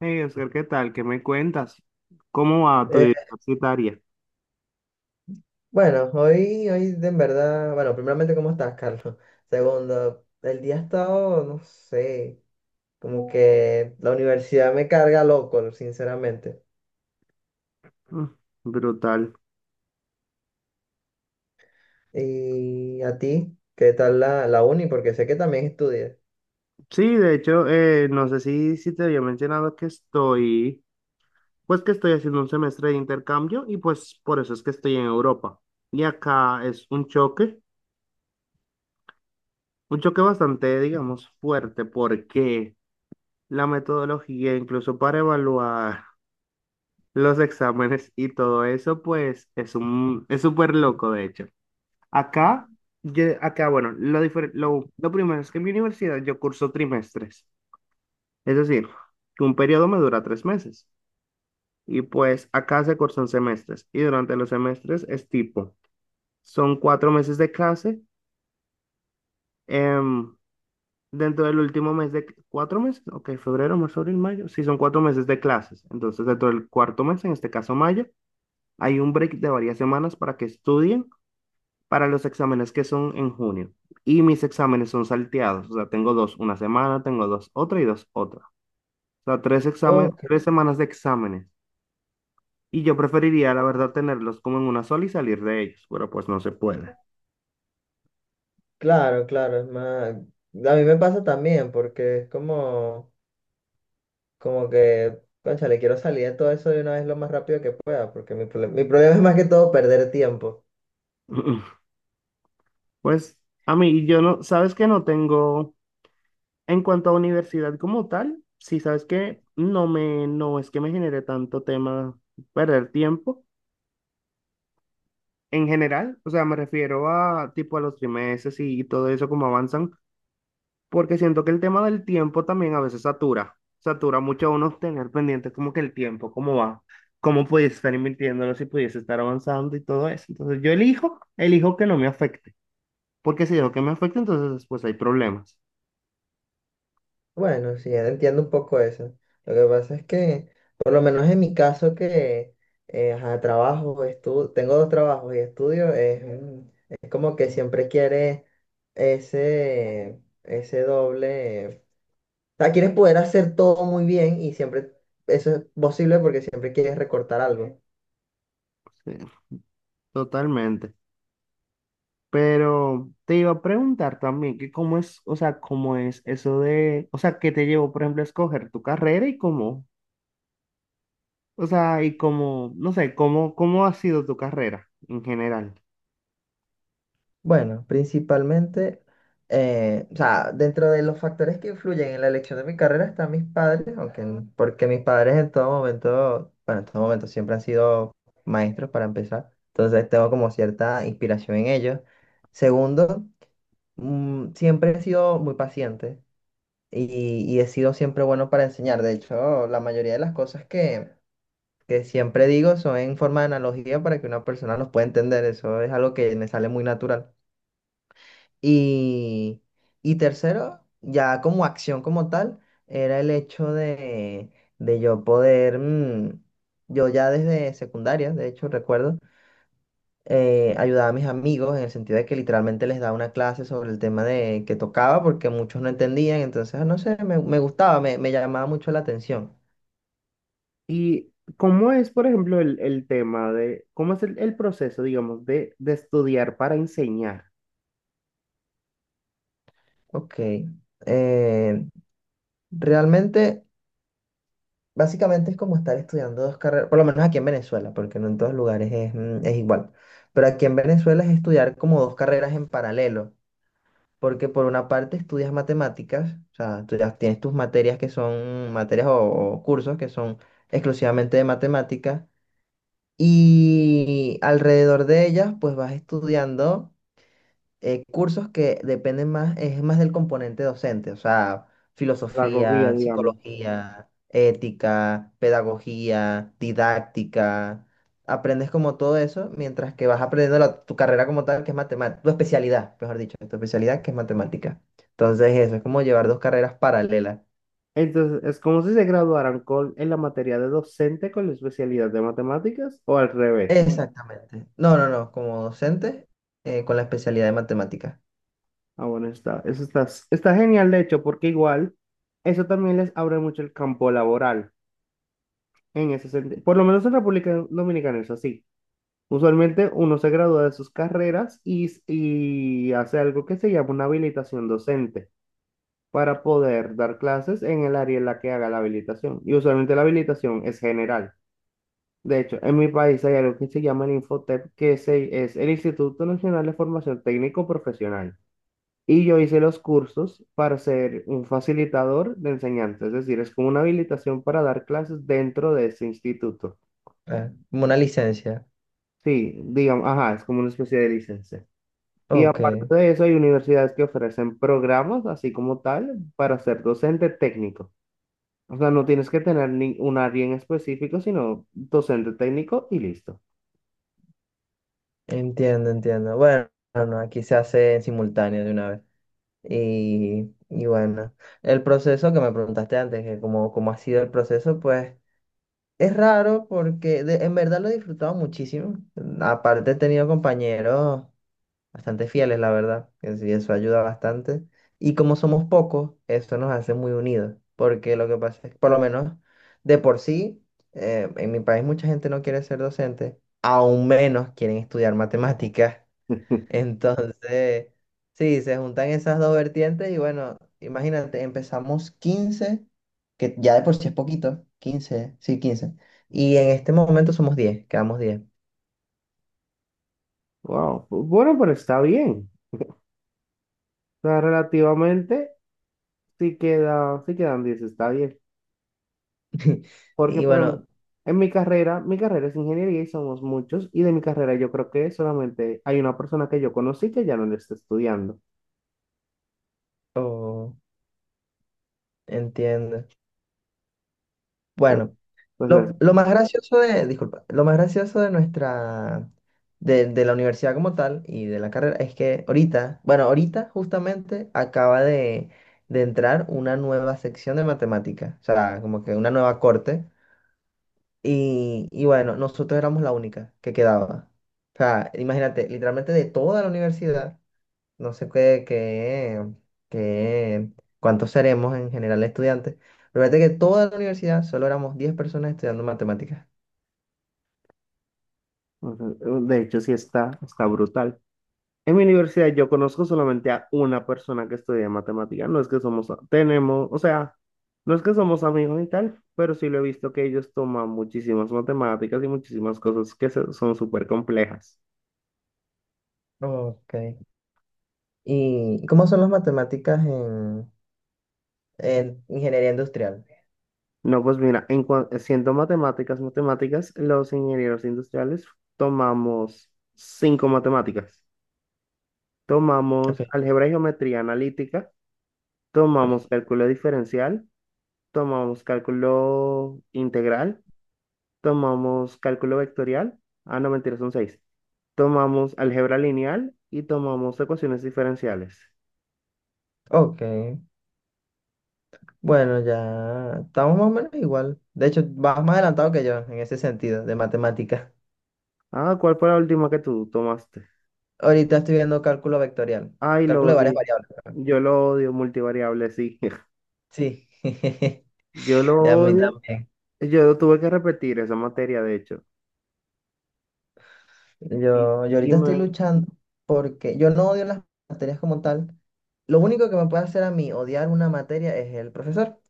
Hey, Oscar, ¿qué tal? ¿Qué me cuentas? ¿Cómo va tu vida Eh, universitaria? bueno, hoy de en verdad, bueno, primeramente, ¿cómo estás, Carlos? Segundo, el día ha estado, no sé, como que la universidad me carga loco, sinceramente. Mm, brutal. ¿Y a ti? ¿Qué tal la uni? Porque sé que también estudias. Sí, de hecho, no sé si te había mencionado que pues que estoy haciendo un semestre de intercambio y pues por eso es que estoy en Europa. Y acá es un choque bastante, digamos, fuerte porque la metodología, incluso para evaluar los exámenes y todo eso, pues es es súper loco, de hecho. Acá, acá, bueno, lo primero es que en mi universidad yo curso trimestres, es decir, que un periodo me dura 3 meses. Y pues acá se cursan semestres y durante los semestres es tipo, son 4 meses de clase, em, dentro del último mes de, ¿4 meses? Ok, febrero, marzo, abril, mayo, sí, son 4 meses de clases. Entonces, dentro del cuarto mes, en este caso mayo, hay un break de varias semanas para que estudien para los exámenes que son en junio. Y mis exámenes son salteados. O sea, tengo dos una semana, tengo dos otra y dos otra. O sea, tres exámenes, Oh, 3 semanas de exámenes. Y yo preferiría, la oh, verdad, tenerlos como en una sola y salir de ellos, pero pues no se puede. claro, claro, es más, a mí me pasa también, porque es como, como que, cónchale, quiero salir de todo eso de una vez lo más rápido que pueda, porque mi problema es más que todo perder tiempo. Pues a mí, yo no, sabes que no tengo, en cuanto a universidad como tal, sí, sabes que no me, no es que me genere tanto tema perder tiempo en general, o sea, me refiero a tipo a los trimestres y todo eso como avanzan. Porque siento que el tema del tiempo también a veces satura, satura mucho a uno tener pendiente como que el tiempo, cómo va, cómo pudiese estar invirtiéndolo, si pudiese estar avanzando y todo eso. Entonces yo elijo que no me afecte, porque si dejo que me afecte, entonces después hay problemas. Bueno, sí, entiendo un poco eso. Lo que pasa es que, por lo menos en mi caso, que ajá, trabajo, estudio, tengo dos trabajos y estudio, es como que siempre quieres ese doble. O sea, quieres poder hacer todo muy bien y siempre eso es posible porque siempre quieres recortar algo. Sí, totalmente. Pero te iba a preguntar también que cómo es, o sea, cómo es eso de, o sea, qué te llevó, por ejemplo, a escoger tu carrera y cómo, o sea, y cómo, no sé, cómo ha sido tu carrera en general. Bueno, principalmente, o sea, dentro de los factores que influyen en la elección de mi carrera están mis padres, aunque, porque mis padres en todo momento, bueno, en todo momento siempre han sido maestros para empezar, entonces tengo como cierta inspiración en ellos. Segundo, siempre he sido muy paciente y he sido siempre bueno para enseñar. De hecho, la mayoría de las cosas que siempre digo son en forma de analogía para que una persona los pueda entender. Eso es algo que me sale muy natural. Y, y tercero, ya como acción como tal, era el hecho de yo poder, yo ya desde secundaria, de hecho recuerdo, ayudaba a mis amigos en el sentido de que literalmente les daba una clase sobre el tema de que tocaba porque muchos no entendían, entonces ah, no sé, me gustaba, me llamaba mucho la atención. ¿Y cómo es, por ejemplo, el tema de, cómo es el proceso, digamos, de estudiar para enseñar Ok, eh, realmente, básicamente es como estar estudiando dos carreras, por lo menos aquí en Venezuela, porque no en todos lugares es, es igual. Pero aquí en Venezuela es estudiar como dos carreras en paralelo, porque por una parte estudias matemáticas, o sea, tú ya tienes tus materias que son materias o cursos que son exclusivamente de matemáticas, y alrededor de ellas pues vas estudiando cursos que dependen más, es más del componente docente, o sea, pedagogía, filosofía, digamos? psicología, ética, pedagogía, didáctica. Aprendes como todo eso mientras que vas aprendiendo tu carrera como tal, que es matemática, tu especialidad, mejor dicho, tu especialidad que es matemática. Entonces eso es como llevar dos carreras paralelas. Entonces, ¿es como si se graduaran con, en la materia de docente con la especialidad de matemáticas o al revés? Exactamente. No, no, no, como docente con la especialidad de matemática. Ah, bueno, está, eso está, está genial, de hecho, porque igual eso también les abre mucho el campo laboral en ese sentido. Por lo menos en República Dominicana es así. Usualmente uno se gradúa de sus carreras y hace algo que se llama una habilitación docente, para poder dar clases en el área en la que haga la habilitación. Y usualmente la habilitación es general. De hecho, en mi país hay algo que se llama el Infotep, es el Instituto Nacional de Formación Técnico Profesional. Y yo hice los cursos para ser un facilitador de enseñanza, es decir, es como una habilitación para dar clases dentro de ese instituto. Ah, como una licencia. Sí, digamos, ajá, es como una especie de licencia. Y aparte Ok. de eso, hay universidades que ofrecen programas, así como tal, para ser docente técnico. O sea, no tienes que tener ni un área en específico, sino docente técnico y listo. Entiendo, entiendo. Bueno, no, aquí se hace en simultáneo de una vez. Y bueno, el proceso que me preguntaste antes, que cómo, cómo ha sido el proceso, pues es raro porque en verdad lo he disfrutado muchísimo. Aparte he tenido compañeros bastante fieles, la verdad, que sí, eso ayuda bastante. Y como somos pocos, eso nos hace muy unidos, porque lo que pasa es que por lo menos de por sí, en mi país mucha gente no quiere ser docente, aún menos quieren estudiar matemáticas. Entonces, sí, se juntan esas dos vertientes y bueno, imagínate, empezamos 15, que ya de por sí es poquito, 15 sí, 15. Y en este momento somos 10, quedamos 10. Wow. Bueno, pero está bien. O sea, relativamente sí queda, sí quedan 10, está bien. Porque, Y por ejemplo, bueno, en mi carrera es ingeniería y somos muchos, y de mi carrera yo creo que solamente hay una persona que yo conocí que ya no le está estudiando. oh, entiendo. Pues, Bueno, pues, es- lo más gracioso de, disculpa, lo más gracioso de nuestra, de la universidad como tal y de la carrera es que ahorita, bueno, ahorita justamente acaba de entrar una nueva sección de matemática, o sea, como que una nueva corte. Y bueno, nosotros éramos la única que quedaba. O sea, imagínate, literalmente de toda la universidad, no sé qué, cuántos seremos en general estudiantes, pero fíjate que toda la universidad solo éramos 10 personas estudiando matemáticas. pues, de hecho, sí está, está brutal. En mi universidad yo conozco solamente a una persona que estudia matemáticas. No es que somos, tenemos, o sea, no es que somos amigos y tal, pero sí lo he visto que ellos toman muchísimas matemáticas y muchísimas cosas son súper complejas. Ok. ¿Y cómo son las matemáticas en ingeniería industrial? No, pues mira, siendo matemáticas, matemáticas, los ingenieros industriales tomamos cinco matemáticas. Ok. Tomamos álgebra y geometría analítica, Ok. tomamos cálculo diferencial, tomamos cálculo integral, tomamos cálculo vectorial, ah, no, mentira, son seis. Tomamos álgebra lineal y tomamos ecuaciones diferenciales. Ok. Bueno, ya estamos más o menos igual. De hecho, vas más adelantado que yo en ese sentido de matemáticas. Ah, ¿cuál fue la última que tú tomaste? Ahorita estoy viendo cálculo vectorial, Ay, lo cálculo de varias odio. variables, perdón. Yo lo odio, multivariable, sí. Sí, Yo lo y a mí odio. también. Yo tuve que repetir esa materia, de hecho. Y, Yo y ahorita estoy me, luchando porque yo no odio las materias como tal. Lo único que me puede hacer a mí odiar una materia es el profesor.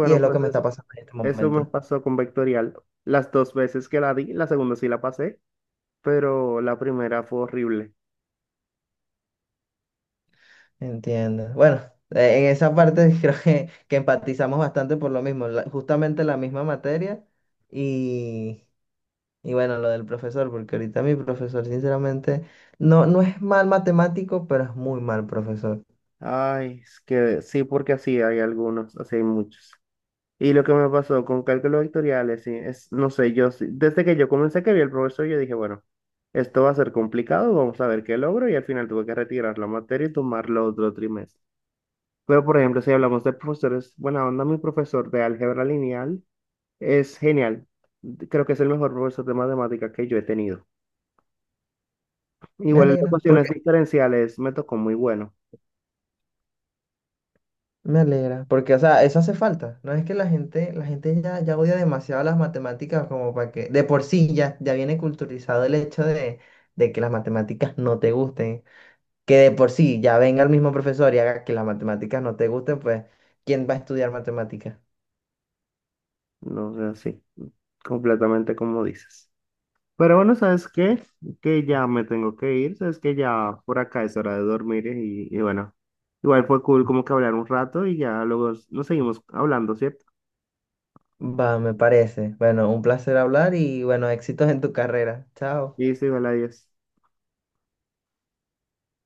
Y es lo que pues me eso, está pasando en este eso me momento. pasó con vectorial. Las dos veces que la di, la segunda sí la pasé, pero la primera fue horrible. Entiendo. Bueno, en esa parte creo que empatizamos bastante por lo mismo, justamente la misma materia y, y bueno, lo del profesor, porque ahorita mi profesor, sinceramente, no, no es mal matemático, pero es muy mal profesor. Ay, es que sí, porque así hay algunos, así hay muchos. Y lo que me pasó con cálculos vectoriales, sí, es, no sé, yo, desde que yo comencé que vi el profesor, yo dije, bueno, esto va a ser complicado, vamos a ver qué logro, y al final tuve que retirar la materia y tomarlo otro trimestre. Pero, por ejemplo, si hablamos de profesores, buena onda, mi profesor de álgebra lineal es genial. Creo que es el mejor profesor de matemática que yo he tenido. Me Igual en las alegra. ecuaciones diferenciales me tocó muy bueno, Me alegra, porque, o sea, eso hace falta. No es que la gente ya, ya odia demasiado las matemáticas como para que, de por sí ya, ya viene culturizado el hecho de que las matemáticas no te gusten. Que de por sí ya venga el mismo profesor y haga que las matemáticas no te gusten, pues, ¿quién va a estudiar matemáticas? no sé, así, completamente como dices. Pero bueno, ¿sabes qué? Que ya me tengo que ir, ¿sabes? Que ya por acá es hora de dormir y bueno, igual fue cool como que hablar un rato y ya luego nos seguimos hablando, ¿cierto? Va, me parece. Bueno, un placer hablar y, bueno, éxitos en tu carrera. Chao. Listo, igual, adiós.